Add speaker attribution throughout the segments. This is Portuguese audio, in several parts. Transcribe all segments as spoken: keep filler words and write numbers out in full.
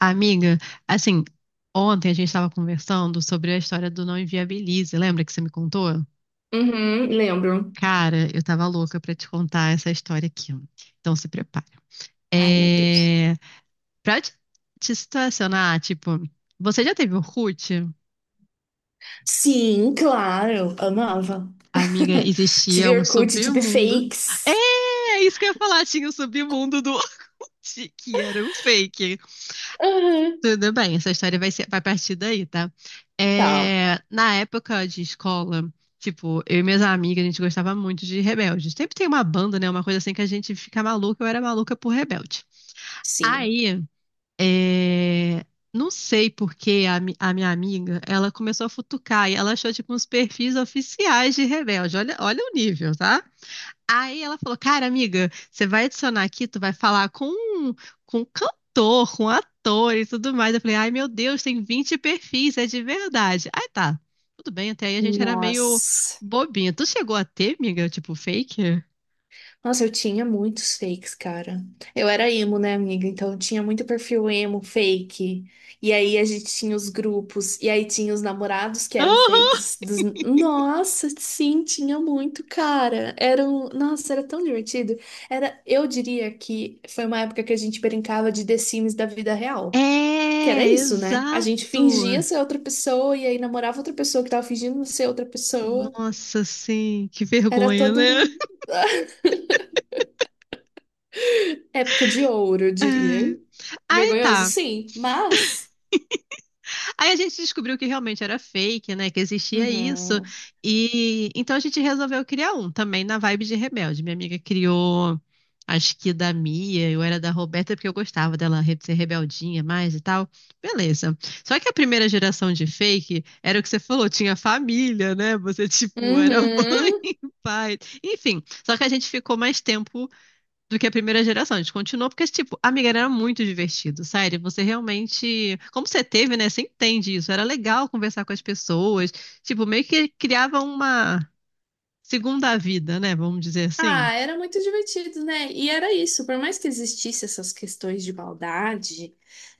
Speaker 1: Amiga, assim, ontem a gente estava conversando sobre a história do Não Inviabilize. Lembra que você me contou?
Speaker 2: Uhum, lembro.
Speaker 1: Cara, eu tava louca pra te contar essa história aqui. Então se prepara.
Speaker 2: Ai, meu Deus.
Speaker 1: É... Pra te te situacionar, tipo, você já teve Orkut?
Speaker 2: Sim, claro, amava.
Speaker 1: Amiga, existia
Speaker 2: Tive
Speaker 1: um
Speaker 2: Orkut, tive
Speaker 1: submundo. É,
Speaker 2: fakes.
Speaker 1: é isso que eu ia falar, tinha o submundo do Orkut, que era um fake.
Speaker 2: Uhum.
Speaker 1: Tudo bem, essa história vai ser, vai partir daí, tá?
Speaker 2: Tá,
Speaker 1: É, na época de escola, tipo, eu e minhas amigas, a gente gostava muito de Rebelde. Sempre tem uma banda, né? Uma coisa assim que a gente fica maluca, eu era maluca por Rebelde.
Speaker 2: sim.
Speaker 1: Aí, é, não sei por que a, mi- a minha amiga, ela começou a futucar e ela achou, tipo, uns perfis oficiais de Rebelde. Olha, olha o nível, tá? Aí ela falou, cara, amiga, você vai adicionar aqui, tu vai falar com um, com um cantor, com um ator e tudo mais. Eu falei, ai meu Deus, tem vinte perfis, é de verdade. Aí tá, tudo bem, até aí a gente era meio
Speaker 2: Nossa.
Speaker 1: bobinha. Tu chegou a ter, amiga, tipo fake?
Speaker 2: Nossa, eu tinha muitos fakes, cara. Eu era emo, né, amiga? Então eu tinha muito perfil emo, fake. E aí a gente tinha os grupos. E aí tinha os namorados que eram
Speaker 1: Aham.
Speaker 2: fakes. dos- Nossa, sim, tinha muito, cara. Era um... Nossa, era tão divertido. Era... Eu diria que foi uma época que a gente brincava de The Sims da vida real. Que era
Speaker 1: É,
Speaker 2: isso, né? A
Speaker 1: exato.
Speaker 2: gente fingia ser outra pessoa e aí namorava outra pessoa que tava fingindo ser outra pessoa.
Speaker 1: Nossa, sim, que
Speaker 2: Era
Speaker 1: vergonha,
Speaker 2: todo
Speaker 1: né?
Speaker 2: um. Época de ouro, eu
Speaker 1: É.
Speaker 2: diria.
Speaker 1: Aí
Speaker 2: Vergonhoso,
Speaker 1: tá.
Speaker 2: sim, mas.
Speaker 1: Aí a gente descobriu que realmente era fake, né? Que existia isso.
Speaker 2: Uhum.
Speaker 1: E então a gente resolveu criar um também na vibe de Rebelde. Minha amiga criou, acho que da Mia, eu era da Roberta porque eu gostava dela re- ser rebeldinha mais e tal. Beleza. Só que a primeira geração de fake era o que você falou, tinha família, né? Você tipo era
Speaker 2: Uhum.
Speaker 1: mãe, pai, enfim. Só que a gente ficou mais tempo do que a primeira geração. A gente continuou porque, tipo, amiga, era muito divertido, sério. Você realmente, como você teve, né? Você entende isso. Era legal conversar com as pessoas. Tipo, meio que criava uma segunda vida, né? Vamos dizer assim.
Speaker 2: Ah, era muito divertido, né? E era isso, por mais que existisse essas questões de maldade,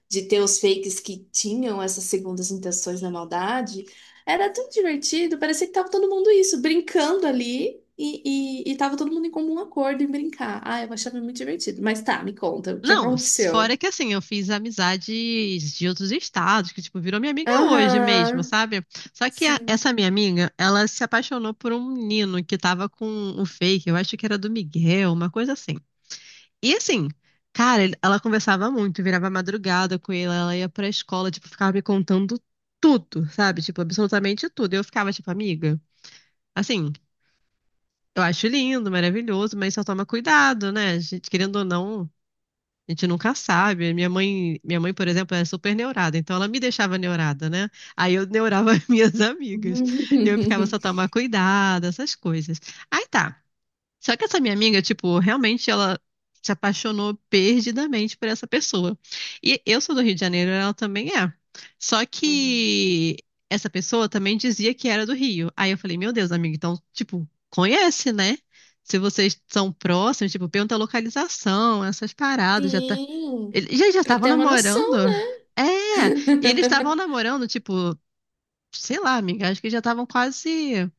Speaker 2: de ter os fakes que tinham essas segundas intenções na maldade, era tão divertido, parecia que tava todo mundo isso, brincando ali e, e, e tava todo mundo em comum acordo em brincar. Ah, eu achava muito divertido. Mas tá, me conta, o que
Speaker 1: Não, fora
Speaker 2: aconteceu?
Speaker 1: que assim, eu fiz amizades de outros estados, que tipo, virou minha amiga hoje mesmo,
Speaker 2: Aham,
Speaker 1: sabe? Só que a-
Speaker 2: sim.
Speaker 1: essa minha amiga, ela se apaixonou por um menino que tava com o fake, eu acho que era do Miguel, uma coisa assim. E assim, cara, ele- ela conversava muito, virava madrugada com ele, ela ia pra escola, tipo, ficava me contando tudo, sabe? Tipo, absolutamente tudo. Eu ficava, tipo, amiga, assim, eu acho lindo, maravilhoso, mas só toma cuidado, né? A gente, querendo ou não, a gente nunca sabe. Minha mãe, minha mãe, por exemplo, é super neurada, então ela me deixava neurada, né? Aí eu neurava as minhas amigas. Eu ficava só tomar cuidado, essas coisas. Aí tá. Só que essa minha amiga, tipo, realmente ela se apaixonou perdidamente por essa pessoa. E eu sou do Rio de Janeiro, ela também é. Só
Speaker 2: Uhum.
Speaker 1: que essa pessoa também dizia que era do Rio. Aí eu falei, meu Deus, amiga, então, tipo, conhece, né? Se vocês são próximos, tipo, pergunta a localização, essas paradas, já tá.
Speaker 2: Sim,
Speaker 1: Eles já já
Speaker 2: para
Speaker 1: estavam
Speaker 2: ter uma noção.
Speaker 1: namorando? É! E eles estavam namorando, tipo, sei lá, amiga, acho que já estavam quase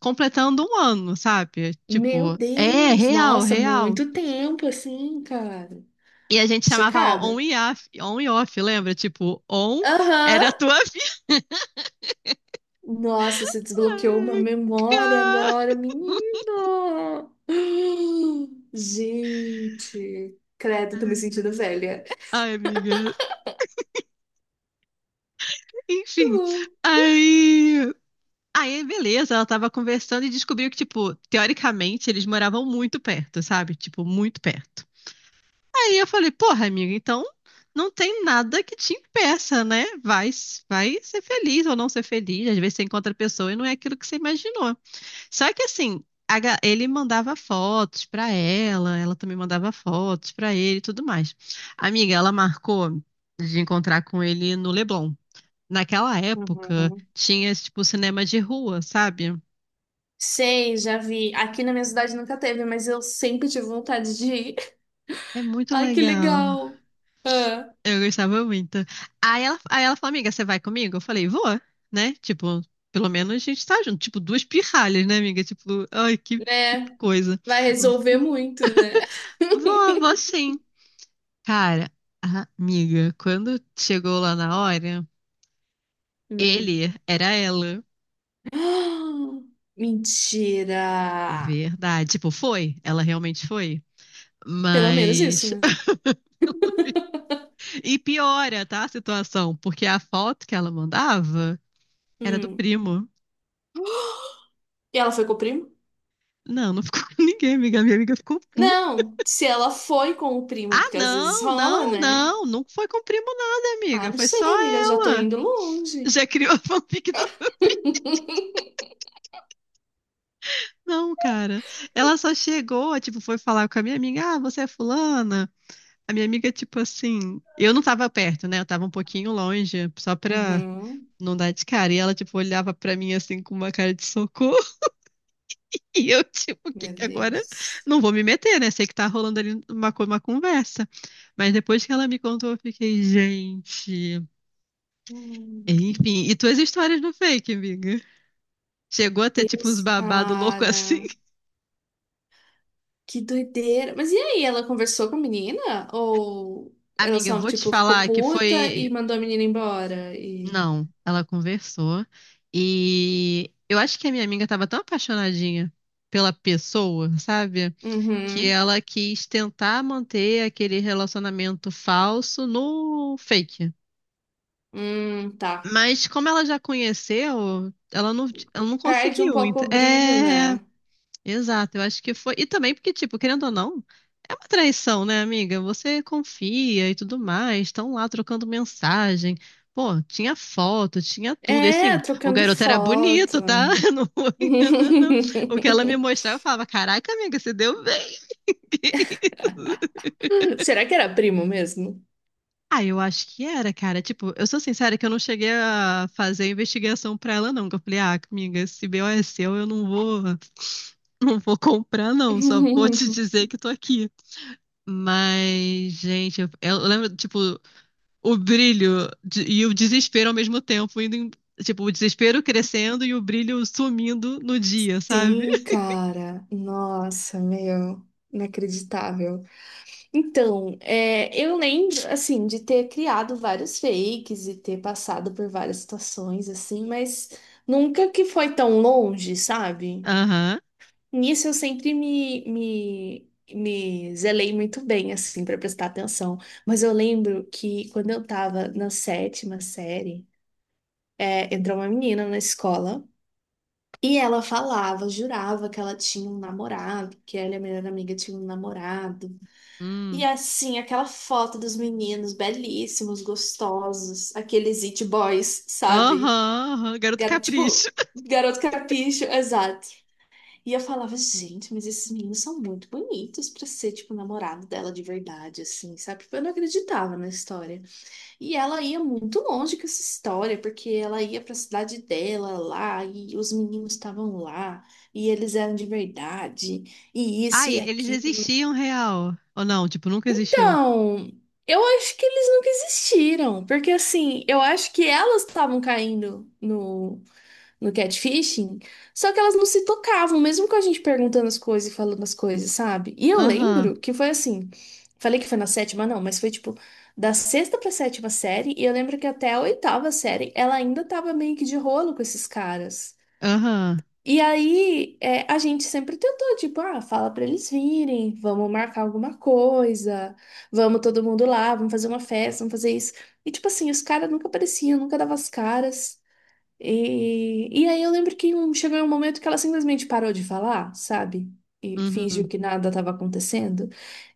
Speaker 1: completando um ano, sabe?
Speaker 2: Meu
Speaker 1: Tipo, é
Speaker 2: Deus,
Speaker 1: real,
Speaker 2: nossa,
Speaker 1: real.
Speaker 2: muito tempo assim, cara.
Speaker 1: E a gente chamava
Speaker 2: Chocada.
Speaker 1: on e off, on e off, lembra? Tipo, on
Speaker 2: Aham.
Speaker 1: era a tua vida.
Speaker 2: Nossa, você desbloqueou uma
Speaker 1: Ai,
Speaker 2: memória
Speaker 1: ca-
Speaker 2: agora, menino. Gente, credo, tô me sentindo velha.
Speaker 1: Ai, amiga. Enfim. Aí. Aí, beleza, ela tava conversando e descobriu que, tipo, teoricamente eles moravam muito perto, sabe? Tipo, muito perto. Aí eu falei, porra, amiga, então não tem nada que te impeça, né? Vai, vai ser feliz ou não ser feliz. Às vezes você encontra a pessoa e não é aquilo que você imaginou. Só que assim, a ga- ele mandava fotos pra ela, ela também mandava fotos pra ele e tudo mais. Amiga, ela marcou de encontrar com ele no Leblon. Naquela
Speaker 2: Muito bom.
Speaker 1: época,
Speaker 2: Uhum.
Speaker 1: tinha esse tipo cinema de rua, sabe?
Speaker 2: Sei, já vi. Aqui na minha cidade nunca teve, mas eu sempre tive vontade de ir.
Speaker 1: É muito
Speaker 2: Ai, que
Speaker 1: legal.
Speaker 2: legal. Ah,
Speaker 1: Eu gostava muito. Aí ela, aí ela falou, amiga, você vai comigo? Eu falei, vou, né? Tipo, pelo menos a gente tá junto. Tipo, duas pirralhas, né, amiga? Tipo, ai, que, que
Speaker 2: né?
Speaker 1: coisa.
Speaker 2: Vai resolver
Speaker 1: Vou,
Speaker 2: muito, né?
Speaker 1: vou vou sim. Cara, a- amiga, quando chegou lá na hora,
Speaker 2: Hum.
Speaker 1: ele era ela.
Speaker 2: Mentira!
Speaker 1: Verdade. Tipo, foi. Ela realmente foi.
Speaker 2: Pelo menos isso,
Speaker 1: Mas.
Speaker 2: né?
Speaker 1: E piora, tá, a situação, porque a foto que ela mandava era do
Speaker 2: Hum.
Speaker 1: primo.
Speaker 2: E ela foi com o primo?
Speaker 1: Não, não ficou com ninguém, amiga. Minha amiga ficou puta.
Speaker 2: Não, se ela foi com o primo,
Speaker 1: Ah,
Speaker 2: porque às vezes
Speaker 1: não,
Speaker 2: rola,
Speaker 1: não,
Speaker 2: né?
Speaker 1: não. Não foi com o primo, nada,
Speaker 2: Ah,
Speaker 1: amiga.
Speaker 2: não
Speaker 1: Foi
Speaker 2: sei,
Speaker 1: só
Speaker 2: amiga, já tô
Speaker 1: ela.
Speaker 2: indo longe.
Speaker 1: Já criou a fanfic da. Não, cara. Ela só chegou, tipo, foi falar com a minha amiga: Ah, você é fulana? A minha amiga, tipo assim, eu não tava perto, né? Eu tava um pouquinho longe, só pra
Speaker 2: Uhum.
Speaker 1: não dar de cara. E ela, tipo, olhava pra mim assim com uma cara de socorro. E eu, tipo, o que
Speaker 2: Meu
Speaker 1: que agora?
Speaker 2: Deus.
Speaker 1: Não vou me meter, né? Sei que tá rolando ali uma, co- uma conversa. Mas depois que ela me contou, eu fiquei, gente.
Speaker 2: Hum.
Speaker 1: Enfim, e tuas histórias no fake, amiga? Chegou a ter, tipo, uns
Speaker 2: Deus,
Speaker 1: babado louco assim?
Speaker 2: cara. Que doideira. Mas e aí, ela conversou com a menina? Ou ela
Speaker 1: Amiga, eu
Speaker 2: só,
Speaker 1: vou te
Speaker 2: tipo, ficou
Speaker 1: falar que
Speaker 2: puta e
Speaker 1: foi.
Speaker 2: mandou a menina embora? E...
Speaker 1: Não, ela conversou e eu acho que a minha amiga estava tão apaixonadinha pela pessoa, sabe? Que
Speaker 2: Uhum.
Speaker 1: ela quis tentar manter aquele relacionamento falso no fake.
Speaker 2: Hum, tá.
Speaker 1: Mas como ela já conheceu, ela não, ela não
Speaker 2: Perde um
Speaker 1: conseguiu.
Speaker 2: pouco
Speaker 1: Então,
Speaker 2: o brilho,
Speaker 1: é.
Speaker 2: né?
Speaker 1: Exato, eu acho que foi. E também porque, tipo, querendo ou não, é uma traição, né, amiga? Você confia e tudo mais, estão lá trocando mensagem. Pô, tinha foto, tinha tudo. E assim,
Speaker 2: É,
Speaker 1: o
Speaker 2: trocando
Speaker 1: garoto era
Speaker 2: foto.
Speaker 1: bonito, tá? Não vou enganar, não. O que ela me mostrava, eu falava: Caraca, amiga, você deu bem.
Speaker 2: Será que era primo mesmo?
Speaker 1: Ah, eu acho que era, cara. Tipo, eu sou sincera que eu não cheguei a fazer a investigação pra ela, não. Que eu falei: Ah, amiga, esse B O é seu, eu não vou. Não vou comprar, não. Só vou te dizer que tô aqui. Mas, gente, eu, eu lembro, tipo, o brilho de- e o desespero ao mesmo tempo, indo em- tipo, o desespero crescendo e o brilho sumindo no dia, sabe?
Speaker 2: Sim, cara. Nossa, meu. Inacreditável. Então, é, eu lembro, assim, de ter criado vários fakes e ter passado por várias situações, assim, mas nunca que foi tão longe, sabe?
Speaker 1: Aham.
Speaker 2: Nisso eu sempre me, me, me zelei muito bem, assim, para prestar atenção. Mas eu lembro que quando eu tava na sétima série, é, entrou uma menina na escola e ela falava, jurava que ela tinha um namorado, que ela e a melhor amiga tinham um namorado. E
Speaker 1: Hum.
Speaker 2: assim, aquela foto dos meninos belíssimos, gostosos, aqueles it boys,
Speaker 1: Aham,
Speaker 2: sabe?
Speaker 1: aham. Garoto
Speaker 2: Ga-
Speaker 1: Capricho.
Speaker 2: Tipo, garoto capricho, exato. E eu falava, gente, mas esses meninos são muito bonitos pra ser, tipo, namorado dela de verdade, assim, sabe? Porque eu não acreditava na história. E ela ia muito longe com essa história, porque ela ia pra cidade dela lá, e os meninos estavam lá, e eles eram de verdade, e isso
Speaker 1: Ai,
Speaker 2: e
Speaker 1: eles
Speaker 2: aquilo.
Speaker 1: existiam real. Ou não, tipo, nunca existiu.
Speaker 2: Então, eu acho que eles nunca existiram, porque, assim, eu acho que elas estavam caindo no no catfishing, só que elas não se tocavam, mesmo com a gente perguntando as coisas e falando as coisas, sabe? E eu
Speaker 1: Aham,
Speaker 2: lembro que foi assim, falei que foi na sétima, não, mas foi tipo da sexta pra sétima série, e eu lembro que até a oitava série ela ainda tava meio que de rolo com esses caras.
Speaker 1: aham.
Speaker 2: E aí, é, a gente sempre tentou, tipo, ah, fala pra eles virem, vamos marcar alguma coisa, vamos todo mundo lá, vamos fazer uma festa, vamos fazer isso. E, tipo assim, os caras nunca apareciam, nunca davam as caras. E, e aí eu lembro que um- chegou um momento que ela simplesmente parou de falar, sabe? E fingiu
Speaker 1: Uhum.
Speaker 2: que nada estava acontecendo.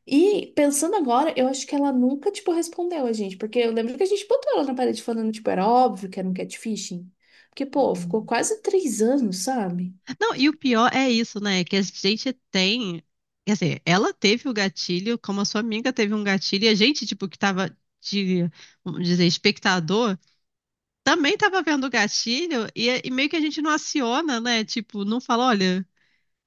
Speaker 2: E pensando agora, eu acho que ela nunca, tipo, respondeu a gente. Porque eu lembro que a gente botou ela na parede falando, tipo, era óbvio que era um catfishing. Porque, pô, ficou quase três anos, sabe?
Speaker 1: Não, e o pior é isso, né? Que a gente tem. Quer dizer, ela teve o gatilho, como a sua amiga teve um gatilho, e a gente, tipo, que tava de, vamos dizer, espectador, também tava vendo o gatilho, e, e meio que a gente não aciona, né? Tipo, não fala, olha,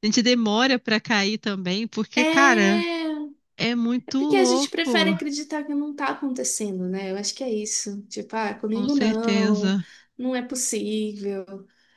Speaker 1: a gente demora pra cair também, porque, cara,
Speaker 2: É.
Speaker 1: é muito
Speaker 2: Porque a gente prefere
Speaker 1: louco,
Speaker 2: acreditar que não tá acontecendo, né? Eu acho que é isso. Tipo, ah,
Speaker 1: com
Speaker 2: comigo não,
Speaker 1: certeza.
Speaker 2: não é possível.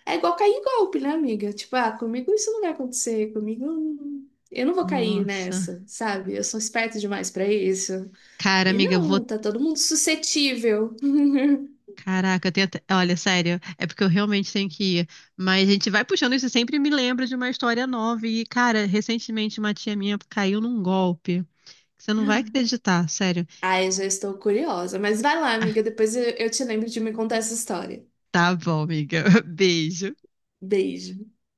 Speaker 2: É igual cair em golpe, né, amiga? Tipo, ah, comigo isso não vai acontecer, comigo não- eu não vou cair
Speaker 1: Nossa.
Speaker 2: nessa, sabe? Eu sou esperta demais pra isso.
Speaker 1: Cara,
Speaker 2: E
Speaker 1: amiga, eu vou
Speaker 2: não, tá todo mundo suscetível.
Speaker 1: Caraca, eu tenho até... Olha, sério, é porque eu realmente tenho que ir. Mas a gente vai puxando isso e sempre me lembra de uma história nova. E, cara, recentemente uma tia minha caiu num golpe. Você não vai acreditar, sério.
Speaker 2: Ai, já estou curiosa. Mas vai lá,
Speaker 1: Ah,
Speaker 2: amiga, depois eu, eu te lembro de me contar essa história.
Speaker 1: tá bom, amiga. Beijo.
Speaker 2: Beijo.